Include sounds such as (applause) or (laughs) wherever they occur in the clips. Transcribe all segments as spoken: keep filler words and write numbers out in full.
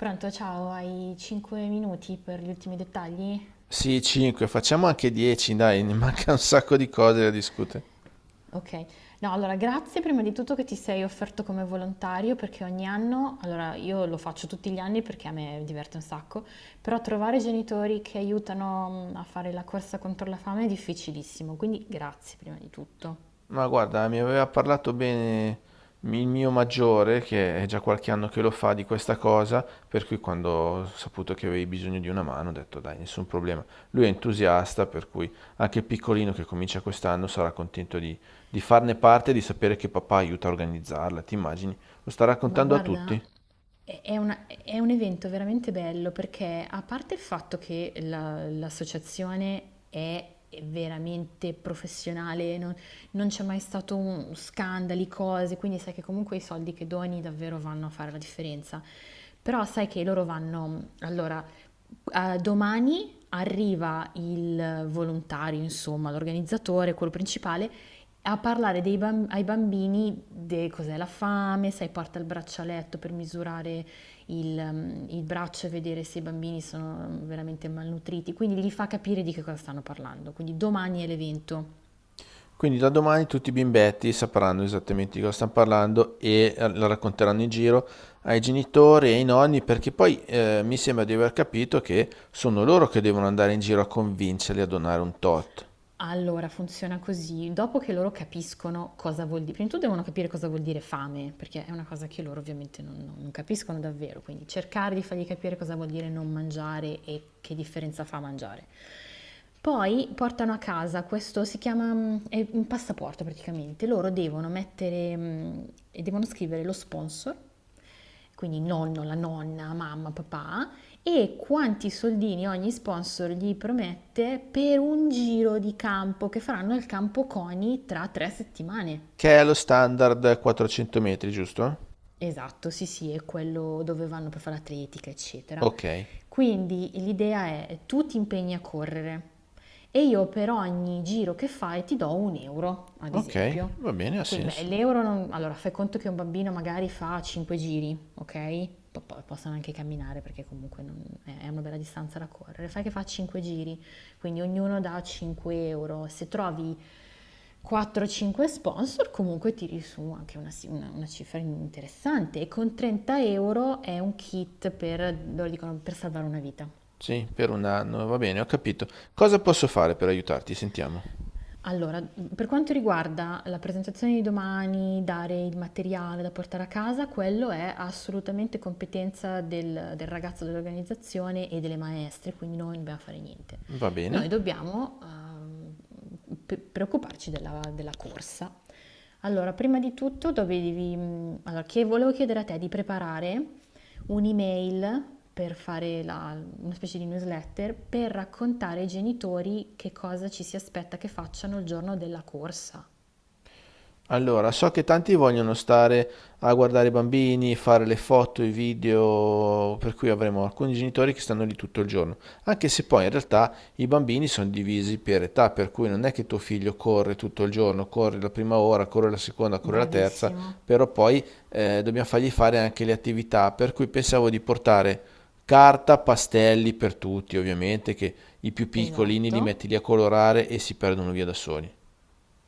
Pronto, ciao, hai cinque minuti per gli ultimi dettagli? Sì, cinque, facciamo anche dieci, dai, (laughs) ne manca un sacco di cose da discutere. Ok, no, allora grazie prima di tutto che ti sei offerto come volontario perché ogni anno, allora io lo faccio tutti gli anni perché a me diverte un sacco, però trovare genitori che aiutano mm, a fare la corsa contro la fame è difficilissimo, quindi grazie prima di tutto. Ma guarda, mi aveva parlato bene il mio maggiore, che è già qualche anno che lo fa, di questa cosa, per cui quando ho saputo che avevi bisogno di una mano ho detto dai, nessun problema. Lui è entusiasta, per cui anche il piccolino che comincia quest'anno sarà contento di, di farne parte e di sapere che papà aiuta a organizzarla, ti immagini? Lo sta Ma raccontando a guarda, tutti? è è una- è un evento veramente bello perché a parte il fatto che la- l'associazione è veramente professionale, non, non c'è mai stato un- scandali, cose, quindi sai che comunque i soldi che doni davvero vanno a fare la differenza. Però sai che loro vanno, allora, eh, domani arriva il volontario, insomma, l'organizzatore, quello principale, a parlare dei bam- ai bambini di cos'è la fame, sai, porta il braccialetto per misurare il, ehm, il braccio e vedere se i bambini sono veramente malnutriti, quindi gli fa capire di che cosa stanno parlando. Quindi domani è l'evento. Quindi da domani tutti i bimbetti sapranno esattamente di cosa stanno parlando e eh, lo racconteranno in giro ai genitori e ai nonni, perché poi eh, mi sembra di aver capito che sono loro che devono andare in giro a convincerli a donare un tot, Allora, funziona così: dopo che loro capiscono cosa vuol di prima di tutto devono capire cosa vuol dire fame, perché è una cosa che loro ovviamente non non non capiscono davvero, quindi cercare di fargli capire cosa vuol dire non mangiare e che differenza fa mangiare. Poi portano a casa questo si chiama, mhmm, è un passaporto praticamente. Loro devono mettere, mhmm, e devono scrivere lo sponsor, quindi nonno, la nonna, mamma, papà, e quanti soldini ogni sponsor gli promette per un giro di campo che faranno al campo CONI tra tre settimane. che è lo standard quattrocento metri, giusto? Esatto, sì, sì, è quello dove vanno per fare atletica, eccetera. Ok, Quindi l'idea è tu ti impegni a correre e io per ogni giro che fai ti do un euro, ad ok, esempio. va bene, ha Quindi, beh, senso. l'euro, non- allora fai conto che un bambino magari fa cinque giri, ok? Po- Poi possono anche camminare perché comunque non- è è una bella distanza da correre. Fai che fa cinque giri. Quindi ognuno dà cinque euro. Se trovi quattro o cinque sponsor comunque tiri su anche una, una- una cifra interessante e con trenta euro è un kit per, loro dicono, per salvare una vita. Sì, per un anno, va bene, ho capito. Cosa posso fare per aiutarti? Sentiamo. Allora, per quanto riguarda la presentazione di domani, dare il materiale da portare a casa, quello è assolutamente competenza del, del ragazzo dell'organizzazione e delle maestre, quindi noi non dobbiamo fare niente. Va Noi bene. dobbiamo ehm, pre- preoccuparci della, della corsa. Allora, prima di tutto dovevi, mm, allora, che volevo chiedere a te di preparare un'email per fare la- una specie di newsletter per raccontare ai genitori che cosa ci si aspetta che facciano il giorno della corsa. Allora, so che tanti vogliono stare a guardare i bambini, fare le foto, i video, per cui avremo alcuni genitori che stanno lì tutto il giorno, anche se poi in realtà i bambini sono divisi per età, per cui non è che tuo figlio corre tutto il giorno, corre la prima ora, corre la seconda, corre la terza, Bravissimo, però poi eh, dobbiamo fargli fare anche le attività, per cui pensavo di portare carta, pastelli per tutti, ovviamente, che i più piccolini esatto. li metti lì a colorare e si perdono via da soli.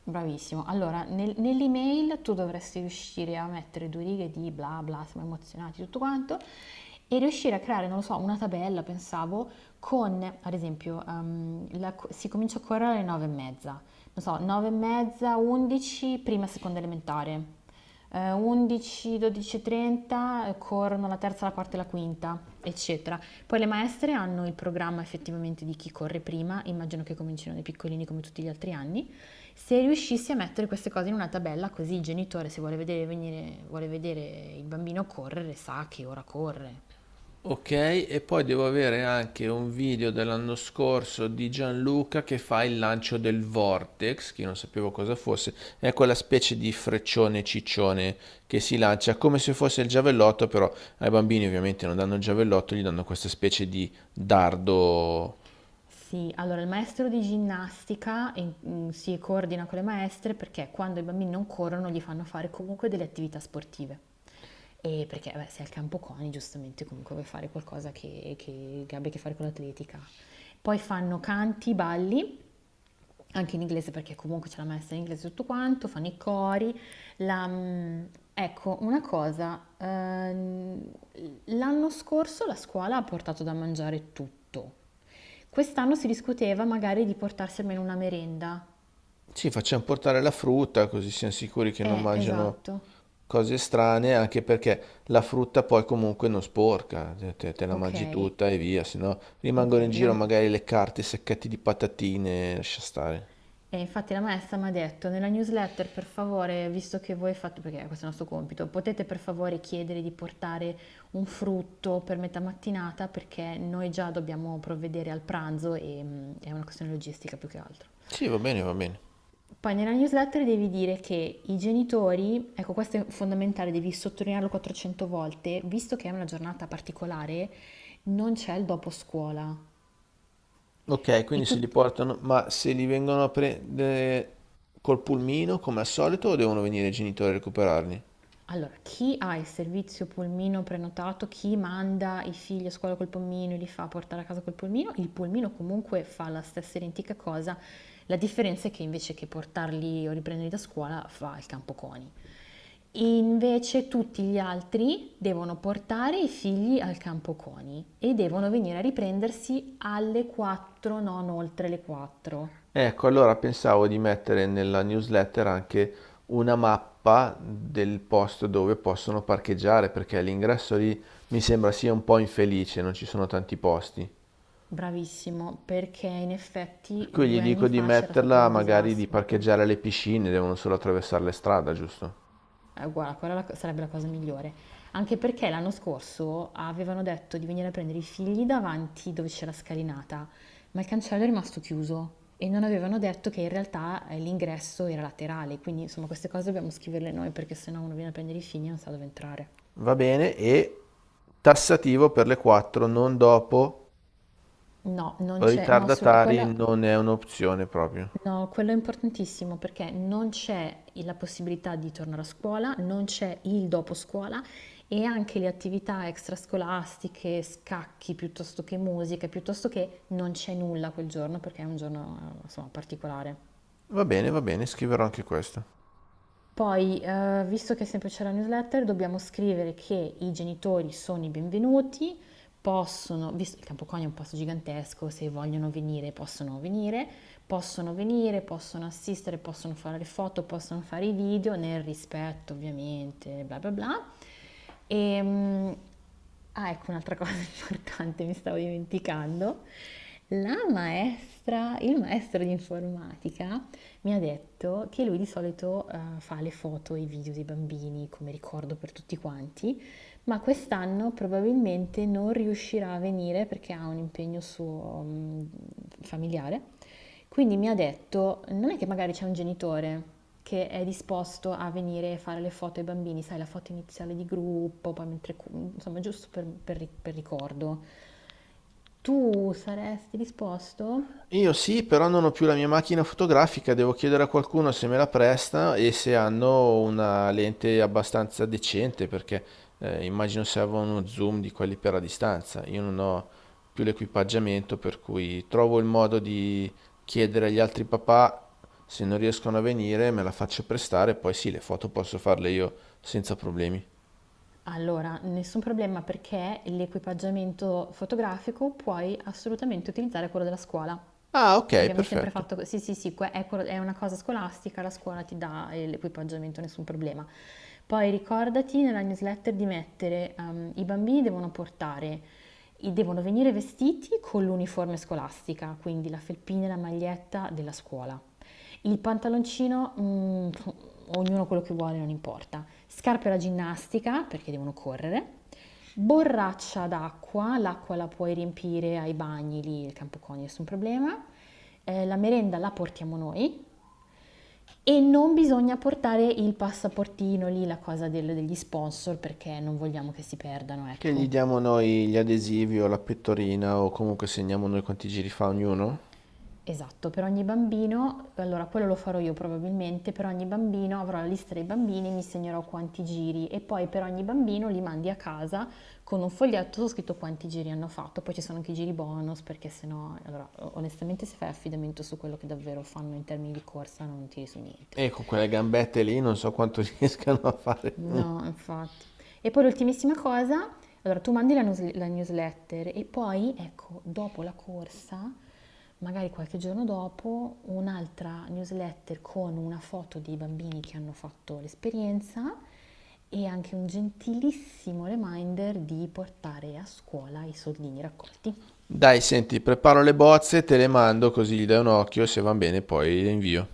Bravissimo. Allora, nel- nell'email tu dovresti riuscire a mettere due righe di bla bla, siamo emozionati, tutto quanto, e riuscire a creare, non lo so, una tabella, pensavo, con, ad esempio, ehm, la co- si comincia a correre alle nove e mezza, non so, nove e mezza, undici, prima e seconda elementare eh, undici, dodici e trenta corrono la terza, la quarta e la quinta, eccetera. Poi le maestre hanno il programma effettivamente di chi corre prima, immagino che comincino dai piccolini come tutti gli altri anni. Se riuscissi a mettere queste cose in una tabella, così il genitore se vuole vedere, venire- vuole vedere il bambino correre sa che ora corre. Ok, e poi devo avere anche un video dell'anno scorso di Gianluca che fa il lancio del Vortex, che io non sapevo cosa fosse, è quella specie di freccione ciccione che si lancia come se fosse il giavellotto, però ai bambini ovviamente non danno il giavellotto, gli danno questa specie di dardo. Sì, allora il maestro di ginnastica in- mm, si coordina con le maestre perché quando i bambini non corrono gli fanno fare comunque delle attività sportive. E perché beh, sei al campo CONI, giustamente comunque vuoi fare qualcosa che, che, che abbia a che fare con l'atletica. Poi fanno canti, balli anche in inglese perché comunque ce l'ha messa in inglese tutto quanto, fanno i cori. La, mm, ecco, una cosa, ehm, l'anno scorso la scuola ha portato da mangiare tutto. Quest'anno si discuteva magari di portarsi almeno una merenda. Sì, facciamo portare la frutta così siamo sicuri che non Eh, mangiano esatto. cose strane, anche perché la frutta poi comunque non sporca, te, te- te la Ok, mangi tutta e via, se no ok. rimangono in giro La, magari le carte, i sacchetti di patatine, lascia stare. E infatti la maestra mi ha detto nella newsletter, per favore, visto che voi fate, perché questo è il nostro compito, potete per favore chiedere di portare un frutto per metà mattinata perché noi già dobbiamo provvedere al pranzo e mm, è una questione logistica più che altro. Sì, va bene, va bene. Poi nella newsletter devi dire che i genitori, ecco questo è fondamentale, devi sottolinearlo quattrocento volte, visto che è una giornata particolare, non c'è il dopo scuola. Ok, E, quindi se li tut- portano, ma se li vengono a prendere col pulmino come al solito o devono venire i genitori a recuperarli? Allora, chi ha il servizio pulmino prenotato, chi manda i figli a scuola col pulmino e li fa portare a casa col pulmino, il pulmino comunque fa la stessa identica cosa, la differenza è che invece che portarli o riprenderli da scuola fa il campo coni. Invece tutti gli altri devono portare i figli al campo coni e devono venire a riprendersi alle quattro, non oltre le quattro. Ecco, allora pensavo di mettere nella newsletter anche una mappa del posto dove possono parcheggiare, perché l'ingresso lì mi sembra sia un po' infelice, non ci sono tanti posti. Bravissimo, perché in Per effetti cui gli due dico anni di fa c'era stato metterla, un magari di disastro per quello. parcheggiare alle piscine, devono solo attraversare le strade, giusto? Eh, guarda, quella la- sarebbe la cosa migliore. Anche perché l'anno scorso avevano detto di venire a prendere i figli davanti dove c'è la scalinata, ma il cancello è rimasto chiuso e non avevano detto che in realtà eh, l'ingresso era laterale, quindi insomma queste cose dobbiamo scriverle noi perché sennò uno viene a prendere i figli e non sa dove entrare. Va bene, e tassativo per le quattro, non dopo, No, non c'è, no, assolut- ritardatari quella non è un'opzione proprio. No, quello è importantissimo perché non c'è la possibilità di tornare a scuola, non c'è il dopo scuola e anche le attività extrascolastiche, scacchi piuttosto che musica, piuttosto che non c'è nulla quel giorno perché è un giorno, eh, insomma, particolare. Va bene, va bene, scriverò anche questo. Poi, eh, visto che è sempre c'è la newsletter, dobbiamo scrivere che i genitori sono i benvenuti, possono, visto il Campocognio è un posto gigantesco, se vogliono venire possono venire, possono venire, possono assistere, possono fare le foto, possono fare i video, nel rispetto ovviamente, bla bla bla. E, mm, ah, ecco un'altra (laughs) cosa importante, mi stavo dimenticando. La maestra, il maestro di informatica mi ha detto che lui di solito eh, fa le foto e i video dei bambini come ricordo per tutti quanti, ma quest'anno probabilmente non riuscirà a venire perché ha un impegno suo mm, familiare. Quindi mi ha detto, non è che magari c'è un genitore che è disposto a venire e fare le foto ai bambini, sai, la foto iniziale di gruppo, poi mentre, cu- insomma, giusto per, per ri- per ricordo. Tu saresti disposto? Io sì, però non ho più la mia macchina fotografica, devo chiedere a qualcuno se me la presta e se hanno una lente abbastanza decente, perché eh, immagino serva uno zoom di quelli per la distanza. Io non ho più l'equipaggiamento, per cui trovo il modo di chiedere agli altri papà se non riescono a venire, me la faccio prestare, poi sì, le foto posso farle io senza problemi. Allora, nessun problema perché l'equipaggiamento fotografico puoi assolutamente utilizzare quello della scuola. Ah, ok, Abbiamo sempre perfetto. fatto, co- sì, sì, sì, que- è, quello- è una cosa scolastica, la scuola ti dà eh, l'equipaggiamento, nessun problema. Poi ricordati nella newsletter di mettere, ehm, i bambini devono portare, i- devono venire vestiti con l'uniforme scolastica, quindi la felpina e la maglietta della scuola. Il pantaloncino, mm, ognuno quello che vuole, non importa. Scarpe da ginnastica, perché devono correre. Borraccia d'acqua, l'acqua la puoi riempire ai bagni lì, il campo coni, nessun problema. Eh, la merenda la portiamo noi e non bisogna portare il passaportino lì, la cosa del- degli sponsor, perché non vogliamo che si perdano, Che gli ecco. diamo noi gli adesivi o la pettorina o comunque segniamo noi quanti giri fa ognuno? Esatto, per ogni bambino, allora quello lo farò io probabilmente, per ogni bambino avrò la lista dei bambini, mi segnerò quanti giri e poi per ogni bambino li mandi a casa con un foglietto scritto quanti giri hanno fatto, poi ci sono anche i giri bonus perché sennò, allora onestamente se fai affidamento su quello che davvero fanno in termini di corsa non tiri su niente. E con quelle gambette lì non so quanto (laughs) riescano a fare. No, infatti. E poi l'ultimissima cosa, allora tu mandi la, news- la newsletter e poi, ecco, dopo la corsa, magari qualche giorno dopo, un'altra newsletter con una foto dei bambini che hanno fatto l'esperienza e anche un gentilissimo reminder di portare a scuola i soldini raccolti. Dai, senti, preparo le bozze, te le mando così gli dai un occhio e se van bene poi le invio.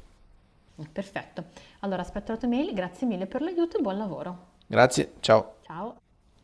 Perfetto. Allora aspetto la tua mail, grazie mille per l'aiuto e buon lavoro. Grazie, ciao. Ciao.